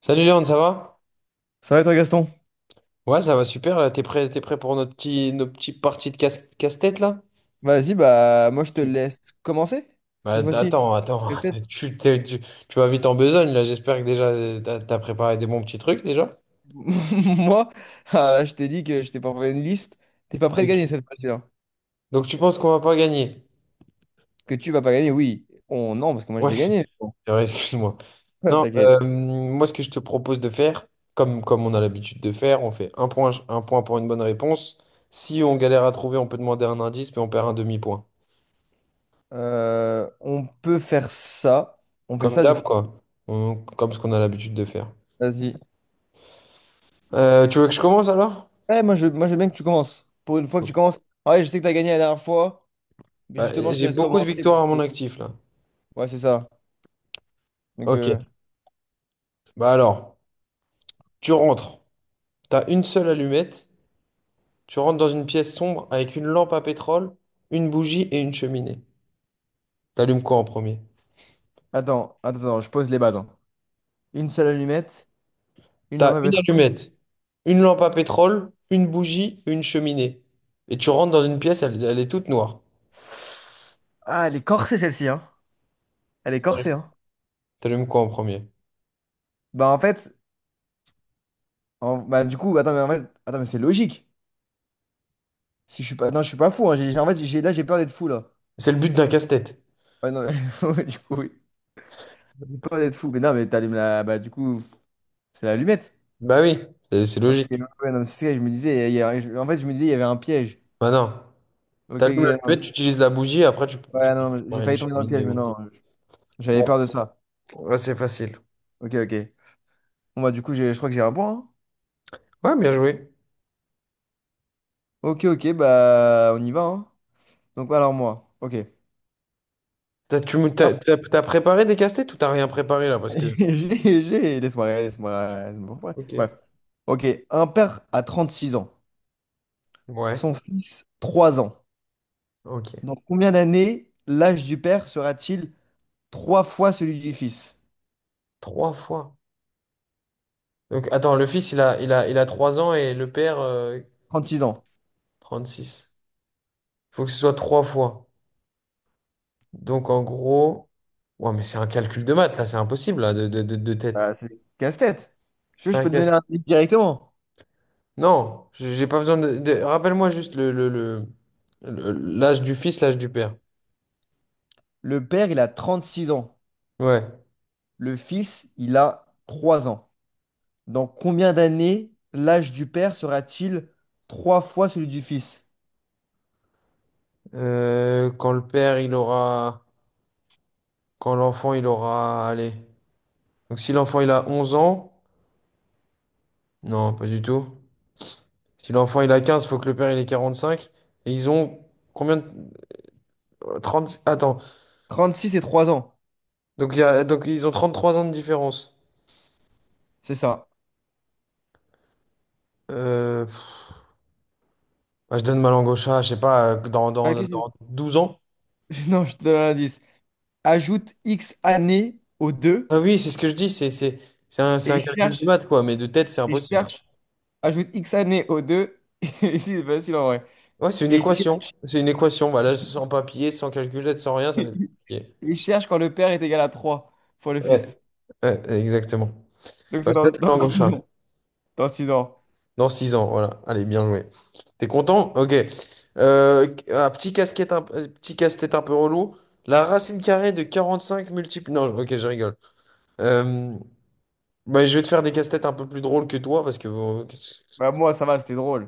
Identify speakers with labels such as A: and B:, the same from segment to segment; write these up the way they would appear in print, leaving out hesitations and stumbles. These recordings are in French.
A: Salut Léon, ça va?
B: Ça va et toi, Gaston?
A: Ouais, ça va super là. T'es prêt pour nos petites parties de casse, tête là?
B: Vas-y, bah moi je te laisse commencer
A: Bah,
B: cette fois-ci.
A: attends, attends.
B: Peut-être.
A: Tu, t'es- tu, tu vas vite en besogne là. J'espère que déjà t'as préparé des bons petits trucs déjà.
B: Moi, ah, là, je t'ai dit que je t'ai préparé une liste. T'es pas prêt de gagner
A: Ok.
B: cette fois-ci, là.
A: Donc tu penses qu'on va pas gagner?
B: Que tu vas pas gagner, oui. On... Non, parce que moi je
A: Ouais,
B: vais
A: c'est
B: gagner. Bon,
A: vrai, excuse-moi. Non,
B: T'inquiète.
A: moi ce que je te propose de faire, comme on a l'habitude de faire, on fait un point pour une bonne réponse. Si on galère à trouver, on peut demander un indice, mais on perd un demi-point.
B: On peut faire ça. On fait
A: Comme
B: ça du
A: d'hab,
B: coup.
A: quoi. Comme ce qu'on a l'habitude de faire.
B: Vas-y.
A: Tu veux que je commence alors?
B: Ouais, moi je veux bien que tu commences. Pour une fois que tu
A: Ouais.
B: commences. Ah, ouais, je sais que t'as gagné la dernière fois, mais
A: Bah,
B: justement je te
A: j'ai
B: laisse
A: beaucoup de
B: commencer
A: victoires
B: parce
A: à
B: que.
A: mon actif là.
B: Ouais, c'est ça. Donc
A: Ok. Bah alors, tu rentres. T'as une seule allumette. Tu rentres dans une pièce sombre avec une lampe à pétrole, une bougie et une cheminée. T'allumes quoi en premier?
B: attends, attends, attends, je pose les bases, hein. Une seule allumette, une
A: T'as
B: lampe à
A: une
B: pétrole.
A: allumette, une lampe à pétrole, une bougie une cheminée. Et tu rentres dans une pièce, elle est toute noire.
B: Ah, elle est corsée celle-ci, hein. Elle est corsée, hein.
A: T'allumes quoi en premier?
B: Bah en fait, bah du coup, attends, mais en fait, attends, mais c'est logique. Si je suis pas, non, je suis pas fou. Hein. En fait, j'ai là, j'ai peur d'être fou là.
A: C'est le but d'un casse-tête.
B: Ouais, non, du coup, oui. J'ai peur d'être fou. Mais non, mais bah du coup, c'est l'allumette.
A: Bah oui, c'est
B: Ok, ouais,
A: logique.
B: ouais, non, mais c'est ça. Je me disais, il y a- je- en fait, je me disais, il y avait un piège.
A: Bah non.
B: Ok,
A: T'allumes
B: ok, non,
A: l'allumette, tu utilises la bougie, après tu
B: ouais,
A: peux
B: non, mais
A: faire
B: j'ai
A: une
B: failli tomber dans le
A: cheminée
B: piège,
A: ou
B: mais
A: autre.
B: non, j'avais peur
A: Bon.
B: de ça.
A: Ouais, c'est facile.
B: Ok, ok. Bon bah du coup, je crois que j'ai un point, hein.
A: Ouais, bien joué.
B: Ok, ok, bah on y va. Hein. Donc alors moi, ok.
A: T'as, tu me- t'as, t'as- t'as préparé des casse-têtes ou t'as rien préparé là? Parce que.
B: J'ai, laisse-moi, laisse-moi, laisse-moi, ouais. Bref.
A: Ok.
B: Ok, un père a 36 ans,
A: Ouais.
B: son fils 3 ans.
A: Ok.
B: Dans combien d'années l'âge du père sera-t-il 3 fois celui du fils?
A: Trois fois. Donc, attends, le fils, il a 3 ans et le père,
B: 36 ans.
A: six. Il faut que ce soit trois fois. Donc, en gros. Ouais, mais c'est un calcul de maths là, c'est impossible là, de tête.
B: Bah, c'est casse-tête. Je,
A: C'est
B: je
A: un
B: peux te donner
A: casse.
B: un indice directement.
A: Non, j'ai pas besoin de. Rappelle-moi juste l'âge du fils, l'âge du père.
B: Le père, il a 36 ans.
A: Ouais.
B: Le fils, il a 3 ans. Dans combien d'années l'âge du père sera-t-il 3 fois celui du fils?
A: Quand le père, il aura. Quand l'enfant, il aura. Allez. Donc si l'enfant, il a 11 ans. Non, pas du tout. Si l'enfant, il a 15, faut que le père, il ait 45. Et ils ont. Combien de. 30. Attends.
B: 36 et 3 ans.
A: Donc, il y a. Donc ils ont 33 ans de différence.
B: C'est ça.
A: Pff, bah, je donne ma langue au chat, je sais pas, dans,
B: Ah,
A: dans, dans 12 ans.
B: Non, je te donne un indice. Ajoute X années aux deux
A: Ah oui, c'est ce que je dis, c'est un
B: et
A: calcul de
B: cherche,
A: maths, quoi, mais de tête, c'est
B: et
A: impossible.
B: cherche. Ajoute X années aux deux. Et si, c'est facile en vrai.
A: Ouais, c'est une
B: Et,
A: équation. C'est une équation, voilà, sans papier, sans calculette, sans rien, ça va être compliqué.
B: et cherche quand le père est égal à 3 fois le
A: Ouais,
B: fils.
A: ouais, exactement.
B: Donc
A: Bah,
B: c'est
A: je
B: dans,
A: donne ma
B: dans
A: langue au
B: 6
A: chat.
B: ans. Dans 6 ans.
A: Dans 6 ans, voilà. Allez, bien joué. T'es content? Ok. Un petit casse-tête un peu relou. La racine carrée de 45 multiples. Non, ok, je rigole. Euh, Bah, je vais te faire des casse-têtes un peu plus drôles que toi parce que. Bon.
B: Bah, moi, ça va, c'était drôle.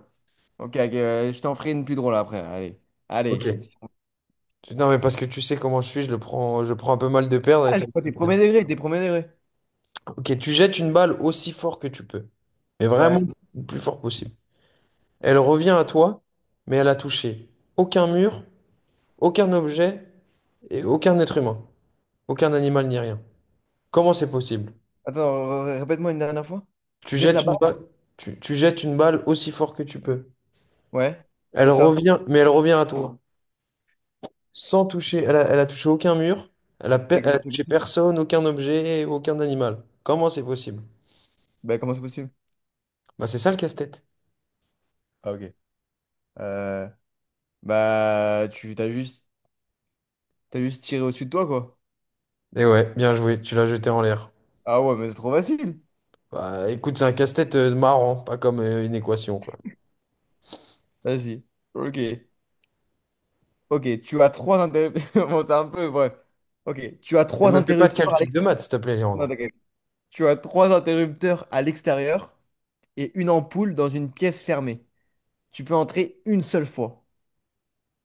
B: Ok, ok, je t'en ferai une plus drôle après. Allez. Allez.
A: Ok. Non, mais parce que tu sais comment je suis, je prends un peu mal de perdre et ça me
B: Oh,
A: fait
B: t'es premier
A: bien.
B: degré, t'es premier degré.
A: Ok, tu jettes une balle aussi fort que tu peux, mais vraiment
B: Ouais.
A: le plus fort possible. Elle revient à toi, mais elle a touché aucun mur, aucun objet et aucun être humain. Aucun animal ni rien. Comment c'est possible?
B: Attends, répète-moi une dernière fois. Tu
A: Tu
B: jettes la
A: jettes une
B: balle?
A: balle, tu jettes une balle aussi fort que tu peux.
B: Ouais.
A: Elle
B: Où ça?
A: revient, mais elle revient à toi. Sans toucher, elle a touché aucun mur,
B: Mais
A: elle a
B: comment c'est
A: touché
B: possible?
A: personne, aucun objet, aucun animal. Comment c'est possible?
B: Bah, comment c'est possible?
A: Bah c'est ça le casse-tête.
B: Ah, ok. Euh, bah, tu t'as juste. T'as juste tiré au-dessus de toi, quoi.
A: Et ouais, bien joué, tu l'as jeté en l'air.
B: Ah ouais, mais c'est trop facile.
A: Bah écoute, c'est un casse-tête marrant, pas comme une équation, quoi.
B: Vas-y. Ok. Ok, tu as trois interrupteurs. Bon, c'est un peu, bref. Ok, tu as
A: Ne
B: trois
A: me fais pas de
B: interrupteurs
A: calcul de maths, s'il te plaît,
B: non,
A: Léandre.
B: t'inquiète. Tu as trois interrupteurs à l'extérieur et une ampoule dans une pièce fermée. Tu peux entrer une seule fois.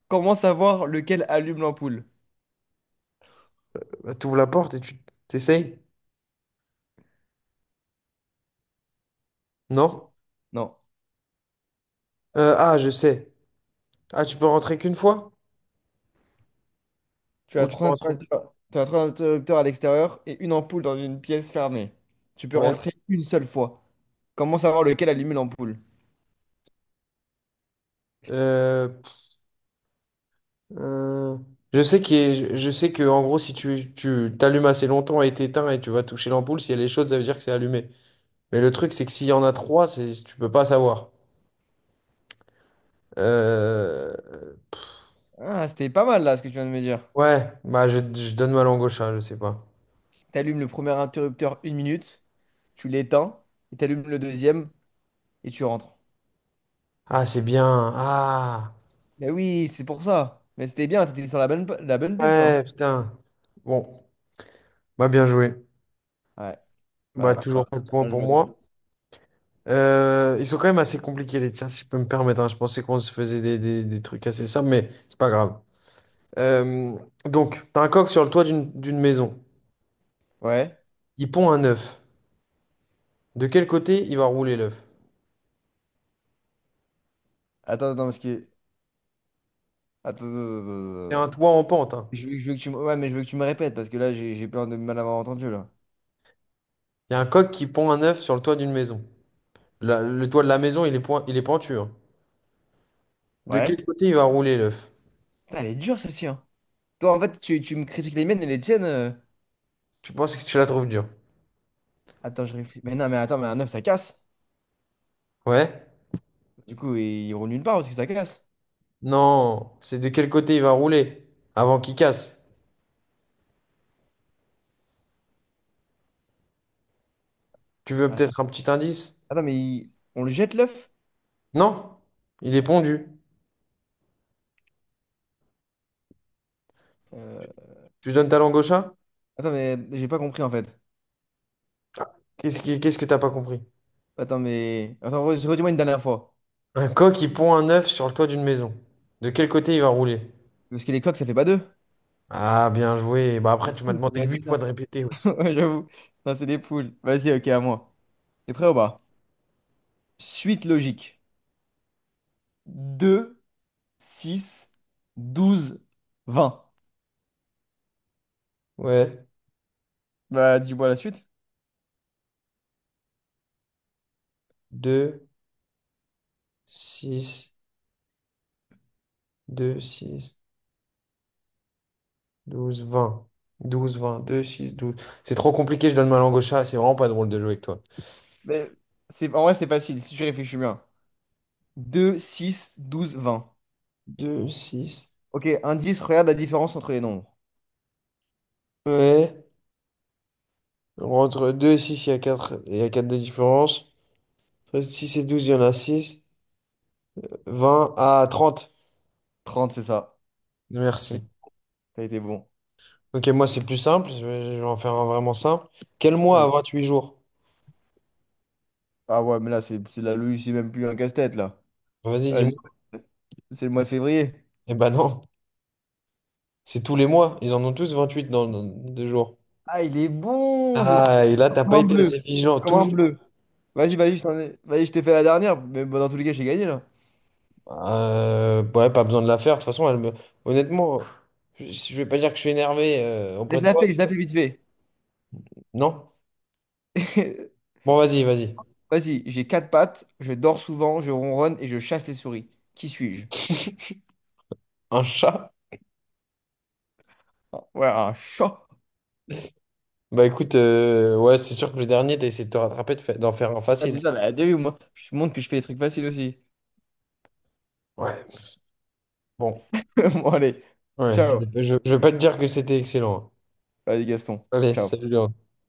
B: Comment savoir lequel allume l'ampoule?
A: Bah, t'ouvres la porte et tu t'essayes? Non?
B: Non.
A: Ah, je sais. Ah, tu peux rentrer qu'une fois?
B: Tu
A: Ou
B: as
A: tu peux
B: trois
A: rentrer?
B: interrupteurs. Tu as trois interrupteurs à l'extérieur et une ampoule dans une pièce fermée. Tu peux
A: Ouais.
B: rentrer une seule fois. Comment savoir lequel allume l'ampoule?
A: Euh, euh, je sais que en gros si tu t'allumes assez longtemps et t'éteins et tu vas toucher l'ampoule, si elle est chaude ça veut dire que c'est allumé. Mais le truc, c'est que s'il y en a trois, c'est tu peux pas savoir. Euh,
B: Ah, c'était pas mal là ce que tu viens de me dire.
A: ouais bah je donne ma langue au chat, je sais pas.
B: T'allumes le premier interrupteur 1 minute, tu l'éteins, et t'allumes le deuxième, et tu rentres.
A: Ah, c'est bien. Ah,
B: Mais oui, c'est pour ça. Mais c'était bien, t'étais sur la bonne, la bonne piste là, hein.
A: ouais, putain. Bon, bah, bien joué.
B: Ouais,
A: Bah,
B: bah,
A: toujours pas de points
B: là,
A: pour
B: j'aurais pas dû.
A: moi. Ils sont quand même assez compliqués les tiens, si je peux me permettre, hein. Je pensais qu'on se faisait des trucs assez simples, mais c'est pas grave. Euh, donc, t'as un coq sur le toit d'une maison.
B: Ouais.
A: Il pond un œuf. De quel côté il va rouler l'œuf?
B: Attends, attends, parce que. Attends, attends, attends,
A: C'est
B: attends,
A: un
B: attends.
A: toit en pente, hein.
B: Je veux que tu me... Ouais, mais je veux que tu me répètes, parce que là, j'ai peur de mal avoir entendu là.
A: Il y a un coq qui pond un œuf sur le toit d'une maison. Le toit de la maison, il est pentu, hein. De
B: Ouais.
A: quel côté il va rouler l'œuf?
B: Putain, elle est dure celle-ci, hein. Toi, en fait, tu me critiques les miennes et les tiennes.
A: Tu penses que tu la trouves dure?
B: Attends, je réfléchis. Mais non, mais attends, mais un œuf, ça casse.
A: Ouais?
B: Du coup, il roule nulle part parce que ça casse.
A: Non, c'est de quel côté il va rouler avant qu'il casse. Tu veux
B: Attends,
A: peut-être un petit indice?
B: attends, mais on le jette l'œuf?
A: Non? Il est pondu.
B: Euh,
A: Tu donnes ta langue au chat?
B: Attends, mais j'ai pas compris en fait.
A: Ah, qu'est-ce que t'as pas compris?
B: Attends, mais. Attends, redis-moi une dernière fois.
A: Un coq qui pond un œuf sur le toit d'une maison. De quel côté il va rouler?
B: Parce que les coqs, ça fait pas deux?
A: Ah, bien joué. Bah, après,
B: Les
A: tu m'as
B: poules,
A: demandé
B: ouais,
A: huit
B: c'est
A: fois
B: ça.
A: de répéter aussi.
B: Ouais, j'avoue. Non, c'est des poules. Vas-y, ok, à moi. T'es prêt ou pas? Suite logique. 2, 6, 12, 20.
A: Ouais,
B: Bah, dis-moi la suite.
A: deux six deux six douze vingt douze vingt deux six douze. C'est trop compliqué, je donne ma langue au chat, c'est vraiment pas drôle de jouer avec toi.
B: Mais c'est... En vrai, c'est facile si tu réfléchis bien. 2, 6, 12, 20.
A: Deux six.
B: Ok, indice, regarde la différence entre les nombres.
A: Ouais, entre deux et 6, il y a quatre de différence. Entre 6 et 12 il y en a 6. 20 à 30.
B: 30 c'est ça. T'as
A: Merci.
B: t'as été bon.
A: Ok, moi c'est plus simple, je vais en faire un vraiment simple. Quel mois
B: Vas-y.
A: a 8 jours?
B: Ah ouais, mais là, c'est de la logique, c'est même plus un casse-tête, là.
A: Vas-y,
B: Vas-y.
A: dis-moi.
B: C'est le mois de février.
A: Eh ben non. C'est tous les mois. Ils en ont tous 28 dans 2 jours.
B: Ah, il est bon, je suis...
A: Ah, et là, t'as
B: Comme
A: pas
B: un
A: été
B: bleu.
A: assez vigilant.
B: Comme un
A: Toujours.
B: bleu. Vas-y, vas-y, vas-y, je t'ai fait la dernière, mais bon, dans tous les cas, j'ai gagné là.
A: Ouais, pas besoin de la faire. De toute façon, elle me. Honnêtement, je vais pas dire que je suis énervé
B: Mais
A: auprès
B: Je
A: de
B: la
A: toi.
B: fais, je la fais vite fait.
A: Non? Bon, vas-y, vas-y.
B: Vas-y, j'ai quatre pattes, je dors souvent, je ronronne et je chasse les souris. Qui suis-je?
A: Un chat?
B: Ah, ouais, un chat.
A: Bah écoute, ouais, c'est sûr que le dernier, t'as essayé de te rattraper, d'en faire un
B: Ah,
A: facile.
B: c'est ça, la déjà vu, moi. Je te montre que je fais des trucs faciles aussi.
A: Ouais, bon.
B: Bon, allez.
A: Ouais,
B: Ciao.
A: je vais pas te dire que c'était excellent, hein.
B: Vas-y, Gaston.
A: Allez, salut,
B: Ciao.
A: Léon.